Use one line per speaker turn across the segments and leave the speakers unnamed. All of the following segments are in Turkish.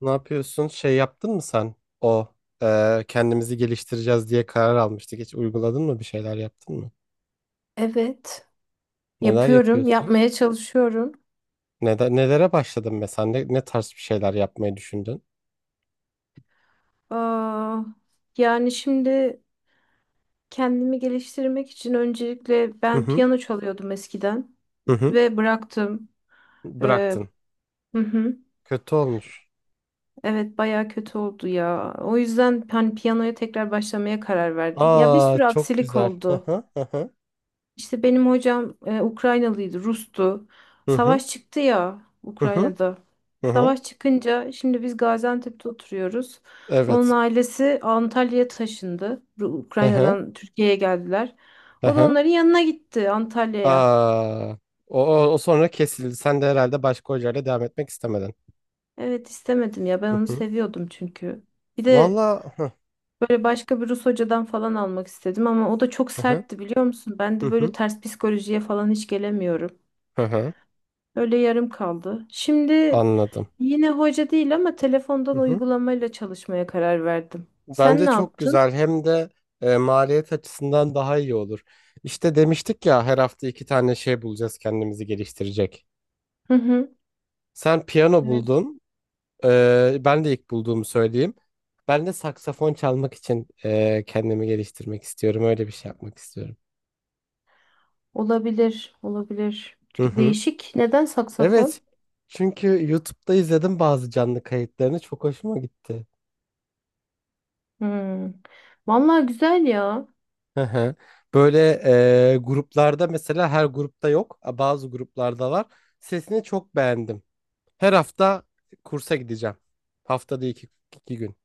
Ne yapıyorsun? Şey yaptın mı sen? O Kendimizi geliştireceğiz diye karar almıştık. Hiç uyguladın mı? Bir şeyler yaptın mı?
Evet,
Neler
yapıyorum,
yapıyorsun?
yapmaya çalışıyorum.
Nelere başladın mesela? Ne tarz bir şeyler yapmayı düşündün?
Aa, yani şimdi kendimi geliştirmek için öncelikle
Hı
ben
hı.
piyano çalıyordum eskiden
Hı hı.
ve bıraktım. Ee,
Bıraktın.
hı hı,
Kötü olmuş.
evet, baya kötü oldu ya. O yüzden hani piyanoya tekrar başlamaya karar verdim. Ya bir
Aa,
sürü
çok
aksilik
güzel. Hı
oldu.
hı. Hı hı.
İşte benim hocam Ukraynalıydı, Rus'tu.
Hı hı.
Savaş çıktı ya
Hı hı.
Ukrayna'da.
Hı hı.
Savaş çıkınca şimdi biz Gaziantep'te oturuyoruz. Onun
Evet.
ailesi Antalya'ya taşındı.
Hı hı.
Ukrayna'dan Türkiye'ye geldiler.
Hı
O da
hı.
onların yanına gitti Antalya'ya.
Aa. O sonra kesildi. Sen de herhalde başka hocayla devam etmek istemedin.
Evet istemedim ya ben
Hı
onu
hı.
seviyordum çünkü. Bir de
Valla. Hı
böyle başka bir Rus hocadan falan almak istedim ama o da çok
hı.
sertti biliyor musun? Ben
Hı
de böyle
hı.
ters psikolojiye falan hiç gelemiyorum.
Hı hı.
Öyle yarım kaldı. Şimdi
Anladım.
yine hoca değil ama
Hı
telefondan
hı.
uygulamayla çalışmaya karar verdim. Sen
Bence
ne
çok
yaptın?
güzel, hem de maliyet açısından daha iyi olur. İşte demiştik ya, her hafta iki tane şey bulacağız kendimizi geliştirecek.
Hı hı.
Sen piyano
Evet.
buldun. Ben de ilk bulduğumu söyleyeyim. Ben de saksafon çalmak için kendimi geliştirmek istiyorum. Öyle bir şey yapmak istiyorum.
Olabilir, olabilir.
Hı
Çünkü
hı.
değişik. Neden
Evet.
saksafon?
Çünkü YouTube'da izledim bazı canlı kayıtlarını. Çok hoşuma gitti.
Hmm. Vallahi güzel ya.
Hı hı. Böyle gruplarda, mesela her grupta yok. Bazı gruplarda var. Sesini çok beğendim. Her hafta kursa gideceğim. Haftada iki, iki gün.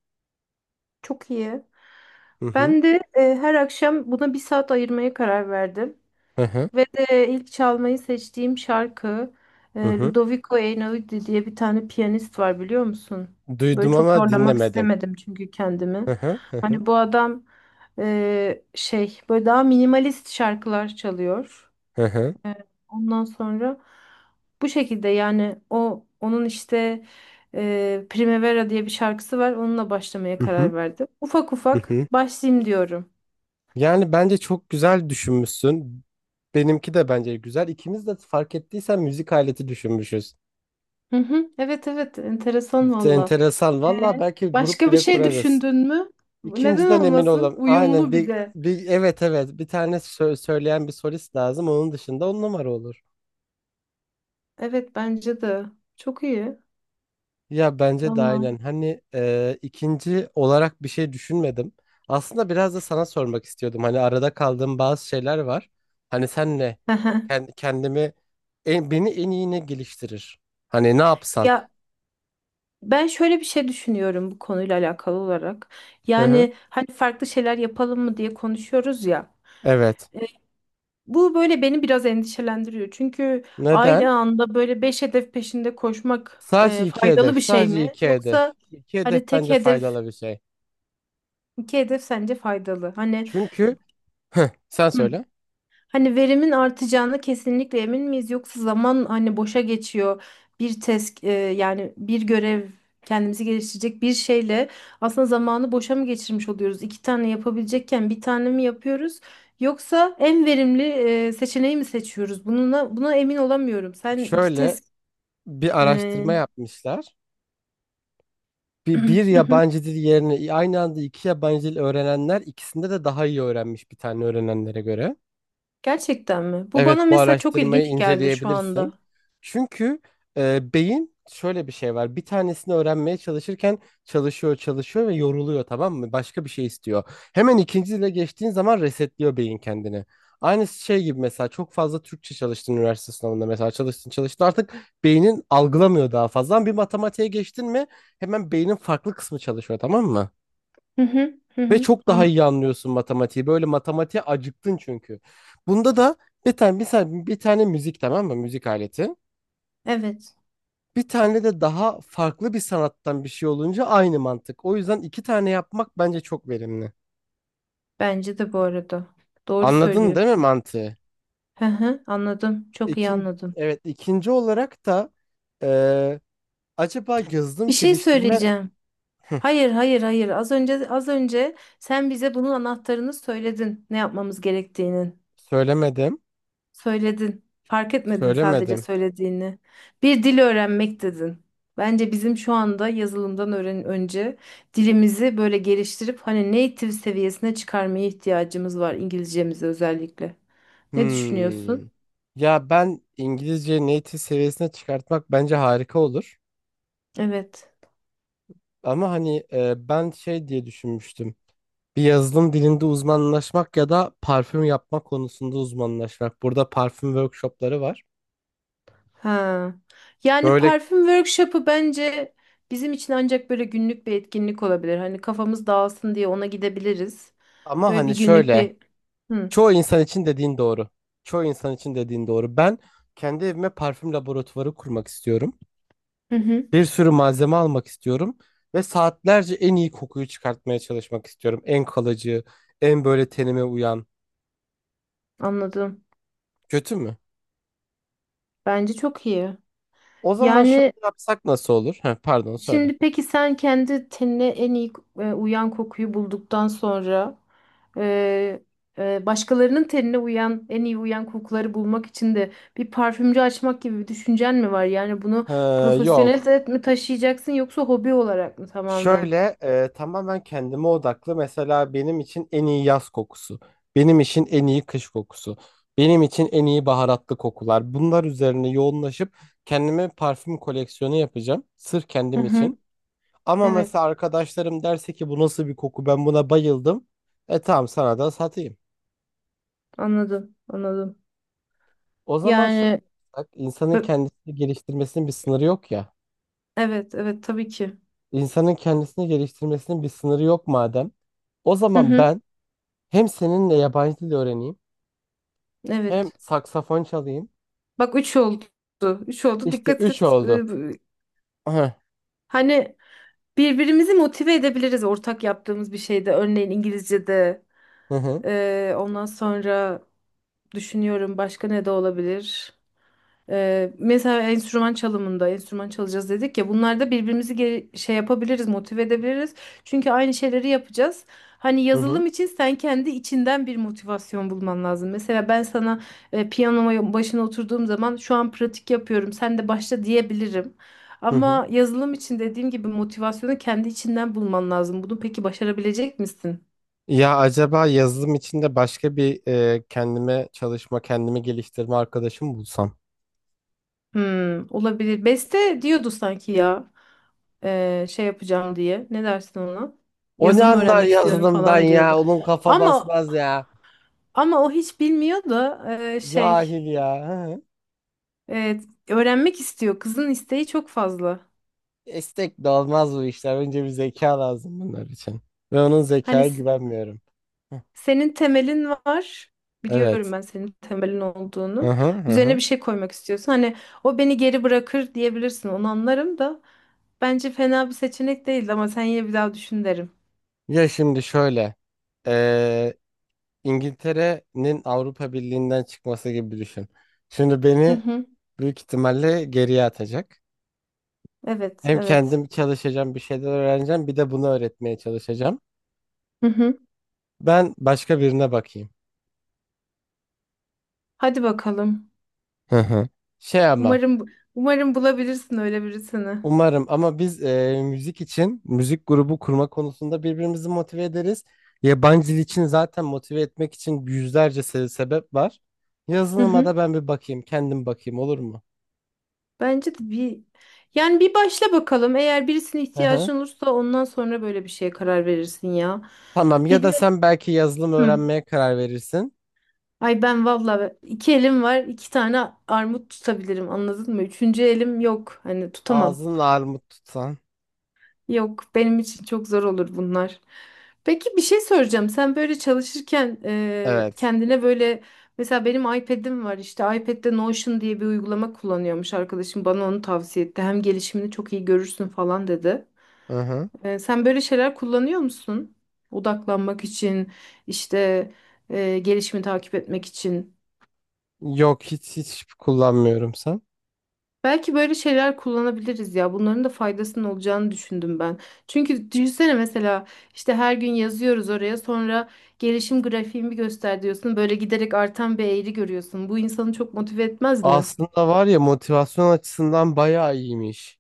Çok iyi.
Hı hı.
Ben de her akşam buna bir saat ayırmaya karar verdim.
Hı hı.
Ve de ilk çalmayı seçtiğim şarkı,
Hı hı.
Ludovico Einaudi diye bir tane piyanist var biliyor musun? Böyle
Duydum
çok
ama
zorlamak
dinlemedim.
istemedim çünkü kendimi.
Hı hı. Hı hı.
Hani bu adam böyle daha minimalist şarkılar çalıyor.
Hı hı.
Ondan sonra bu şekilde, yani onun işte Primavera diye bir şarkısı var. Onunla başlamaya
Hı hı.
karar verdim. Ufak
Hı
ufak
hı.
başlayayım diyorum.
Yani bence çok güzel düşünmüşsün. Benimki de bence güzel. İkimiz de fark ettiysen müzik aleti düşünmüşüz.
Hı hı. Evet evet, enteresan valla.
Enteresan.
Ee,
Valla belki grup
başka bir
bile
şey
kurarız.
düşündün mü? Neden
İkinciden emin
olmasın?
olam. Aynen,
Uyumlu bir
bir,
de.
bir evet, evet, bir tane söyleyen bir solist lazım. Onun dışında on numara olur.
Evet bence de. Çok iyi.
Ya bence de
Valla.
aynen. Hani ikinci olarak bir şey düşünmedim. Aslında biraz da sana sormak istiyordum. Hani arada kaldığım bazı şeyler var. Hani sen ne?
Hı hı.
Ken- kendimi Beni en iyi ne geliştirir? Hani ne yapsan?
Ya ben şöyle bir şey düşünüyorum bu konuyla alakalı olarak.
Hı hı.
Yani hani farklı şeyler yapalım mı diye konuşuyoruz ya.
Evet.
E, Bu böyle beni biraz endişelendiriyor. Çünkü
Neden?
aynı anda böyle beş hedef peşinde koşmak
Sadece iki
faydalı
hedef.
bir şey
Sadece
mi?
iki hedef.
Yoksa
İki hedef
hani tek
bence
hedef,
faydalı bir şey.
iki hedef sence faydalı? Hani
Çünkü sen
hı.
söyle.
Hani verimin artacağına kesinlikle emin miyiz yoksa zaman hani boşa geçiyor. Bir test, yani bir görev, kendimizi geliştirecek bir şeyle aslında zamanı boşa mı geçirmiş oluyoruz? İki tane yapabilecekken bir tane mi yapıyoruz? Yoksa en verimli seçeneği mi seçiyoruz? Bununla, buna emin olamıyorum. Sen iki
Şöyle
test
bir
e,
araştırma yapmışlar. Bir yabancı dil yerine aynı anda iki yabancı dil öğrenenler ikisinde de daha iyi öğrenmiş bir tane öğrenenlere göre.
gerçekten mi? Bu
Evet,
bana
bu
mesela çok
araştırmayı
ilginç geldi şu
inceleyebilirsin.
anda.
Çünkü beyin şöyle bir şey var. Bir tanesini öğrenmeye çalışırken çalışıyor, çalışıyor ve yoruluyor, tamam mı? Başka bir şey istiyor. Hemen ikincisiyle geçtiğin zaman resetliyor beyin kendini. Aynı şey gibi, mesela çok fazla Türkçe çalıştın üniversite sınavında, mesela çalıştın çalıştın, artık beynin algılamıyor daha fazla. Ama bir matematiğe geçtin mi hemen beynin farklı kısmı çalışıyor, tamam mı?
Hı hı, hı
Ve
hı,
çok daha iyi
anladım.
anlıyorsun matematiği. Böyle matematiğe acıktın çünkü. Bunda da bir tane müzik, tamam mı? Müzik aleti.
Evet,
Bir tane de daha farklı bir sanattan bir şey olunca aynı mantık. O yüzden iki tane yapmak bence çok verimli.
bence de bu arada. Doğru
Anladın değil mi
söylüyorsun.
mantığı?
Hı hı, anladım. Çok iyi
İkinci,
anladım.
evet, ikinci olarak da eee, acaba yazılım
Bir şey
geliştirme.
söyleyeceğim. Hayır, hayır, hayır. Az önce sen bize bunun anahtarını söyledin. Ne yapmamız gerektiğinin.
Söylemedim.
Söyledin. Fark etmedin sadece
Söylemedim.
söylediğini. Bir dil öğrenmek dedin. Bence bizim şu anda yazılımdan öğren önce dilimizi böyle geliştirip hani native seviyesine çıkarmaya ihtiyacımız var, İngilizcemizi özellikle. Ne
Hmm.
düşünüyorsun?
Ya ben İngilizce native seviyesine çıkartmak bence harika olur.
Evet.
Ama hani ben şey diye düşünmüştüm. Bir yazılım dilinde uzmanlaşmak ya da parfüm yapma konusunda uzmanlaşmak. Burada parfüm workshopları var.
Ha. Yani
Böyle,
parfüm workshop'ı bence bizim için ancak böyle günlük bir etkinlik olabilir. Hani kafamız dağılsın diye ona gidebiliriz.
ama
Böyle bir
hani
günlük
şöyle,
bir... Hı.
çoğu insan için dediğin doğru. Çoğu insan için dediğin doğru. Ben kendi evime parfüm laboratuvarı kurmak istiyorum.
Hı hı.
Bir sürü malzeme almak istiyorum ve saatlerce en iyi kokuyu çıkartmaya çalışmak istiyorum. En kalıcı, en böyle tenime uyan.
Anladım.
Kötü mü?
Bence çok iyi.
O zaman
Yani
şöyle yapsak nasıl olur? Heh, pardon, söyle.
şimdi peki sen kendi tenine en iyi uyan kokuyu bulduktan sonra e, başkalarının tenine uyan en iyi uyan kokuları bulmak için de bir parfümcü açmak gibi bir düşüncen mi var? Yani bunu
Ee,
profesyonel
Yok.
de mi taşıyacaksın yoksa hobi olarak mı tamamen?
Şöyle, tamamen kendime odaklı. Mesela benim için en iyi yaz kokusu, benim için en iyi kış kokusu, benim için en iyi baharatlı kokular. Bunlar üzerine yoğunlaşıp kendime parfüm koleksiyonu yapacağım. Sırf
Hı
kendim
hı.
için. Ama mesela
Evet,
arkadaşlarım derse ki bu nasıl bir koku, ben buna bayıldım. Tamam, sana da satayım.
anladım, anladım.
O zaman şöyle
Yani
bak, insanın kendisini geliştirmesinin bir sınırı yok ya.
evet, evet tabii ki.
İnsanın kendisini geliştirmesinin bir sınırı yok madem. O
Hı
zaman
hı,
ben hem seninle yabancı dil öğreneyim, hem
evet.
saksafon çalayım.
Bak üç oldu. Üç oldu.
İşte
Dikkat
üç
et.
oldu. Hı hı
Hani birbirimizi motive edebiliriz ortak yaptığımız bir şeyde. Örneğin İngilizce'de.
hı
Ondan sonra düşünüyorum başka ne de olabilir. Mesela enstrüman çalımında enstrüman çalacağız dedik ya, bunlarda birbirimizi yapabiliriz, motive edebiliriz çünkü aynı şeyleri yapacağız. Hani
hı hı.
yazılım için sen kendi içinden bir motivasyon bulman lazım. Mesela ben sana piyanoma başına oturduğum zaman şu an pratik yapıyorum, sen de başla diyebilirim.
Hı.
Ama yazılım için dediğim gibi motivasyonu kendi içinden bulman lazım. Bunu peki başarabilecek misin?
Ya acaba yazılım içinde başka bir kendime çalışma, kendimi geliştirme arkadaşım bulsam.
Hmm, olabilir. Beste diyordu sanki ya. Yapacağım diye. Ne dersin ona?
O ne
Yazılım
anlar
öğrenmek istiyorum
yazılımdan
falan diyordu.
ya? Onun kafa
Ama
basmaz ya.
ama o hiç bilmiyor da eee, şey
Cahil ya. Hı hı.
evet, öğrenmek istiyor. Kızın isteği çok fazla.
Esnek de olmaz bu işler. Önce bir zeka lazım bunlar için. Ve onun
Hani
zekaya
s-
güvenmiyorum. Hı.
senin temelin var. Biliyorum
Evet.
ben senin temelin
Hı
olduğunu.
hı hı.
Üzerine
Hı.
bir şey koymak istiyorsun. Hani o beni geri bırakır diyebilirsin. Onu anlarım da bence fena bir seçenek değil ama sen yine bir daha düşün derim.
Ya şimdi şöyle. İngiltere'nin Avrupa Birliği'nden çıkması gibi düşün. Şimdi
Hı
beni
hı.
büyük ihtimalle geriye atacak.
Evet,
Hem
evet.
kendim çalışacağım, bir şeyler öğreneceğim, bir de bunu öğretmeye çalışacağım.
Hı hı.
Ben başka birine bakayım.
Hadi bakalım.
Hı hı. Şey, ama
Umarım umarım bulabilirsin öyle birisini.
umarım, ama biz müzik için müzik grubu kurma konusunda birbirimizi motive ederiz. Yabancı dil için zaten motive etmek için yüzlerce sebep var.
Hı
Yazılıma
hı.
da ben bir bakayım, kendim bakayım, olur mu?
Bence de bir, yani bir başla bakalım. Eğer birisine
Hı hı.
ihtiyacın olursa ondan sonra böyle bir şeye karar verirsin ya.
Tamam, ya
Bir
da
de
sen belki yazılım
hı.
öğrenmeye karar verirsin.
Ay ben valla iki elim var, iki tane armut tutabilirim, anladın mı? Üçüncü elim yok. Hani tutamam.
Ağzın armut tutsan.
Yok, benim için çok zor olur bunlar. Peki bir şey soracağım. Sen böyle çalışırken
Evet.
kendine böyle, mesela benim iPad'im var, işte iPad'de Notion diye bir uygulama kullanıyormuş arkadaşım, bana onu tavsiye etti. Hem gelişimini çok iyi görürsün falan dedi.
Hı hı.
Sen böyle şeyler kullanıyor musun? Odaklanmak için, işte gelişimi takip etmek için.
Yok, hiç hiç kullanmıyorum. Sen?
Belki böyle şeyler kullanabiliriz ya. Bunların da faydasının olacağını düşündüm ben. Çünkü düşünsene, mesela işte her gün yazıyoruz oraya, sonra gelişim grafiğimi göster diyorsun. Böyle giderek artan bir eğri görüyorsun. Bu insanı çok motive etmez mi?
Aslında var ya, motivasyon açısından bayağı iyiymiş.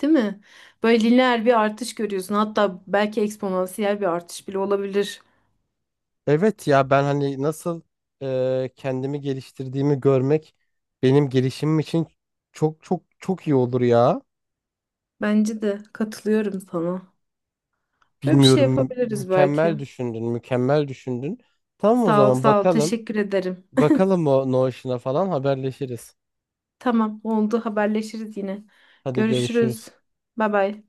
Değil mi? Böyle lineer bir artış görüyorsun. Hatta belki eksponansiyel bir artış bile olabilir.
Evet ya, ben hani nasıl kendimi geliştirdiğimi görmek benim gelişimim için çok çok çok iyi olur ya.
Bence de, katılıyorum sana. Böyle bir şey
Bilmiyorum,
yapabiliriz belki.
mükemmel düşündün, mükemmel düşündün. Tamam, o
Sağ ol,
zaman
sağ ol.
bakalım.
Teşekkür ederim.
Bakalım, o Notion'a falan haberleşiriz.
Tamam, oldu. Haberleşiriz yine.
Hadi
Görüşürüz.
görüşürüz.
Bay bay.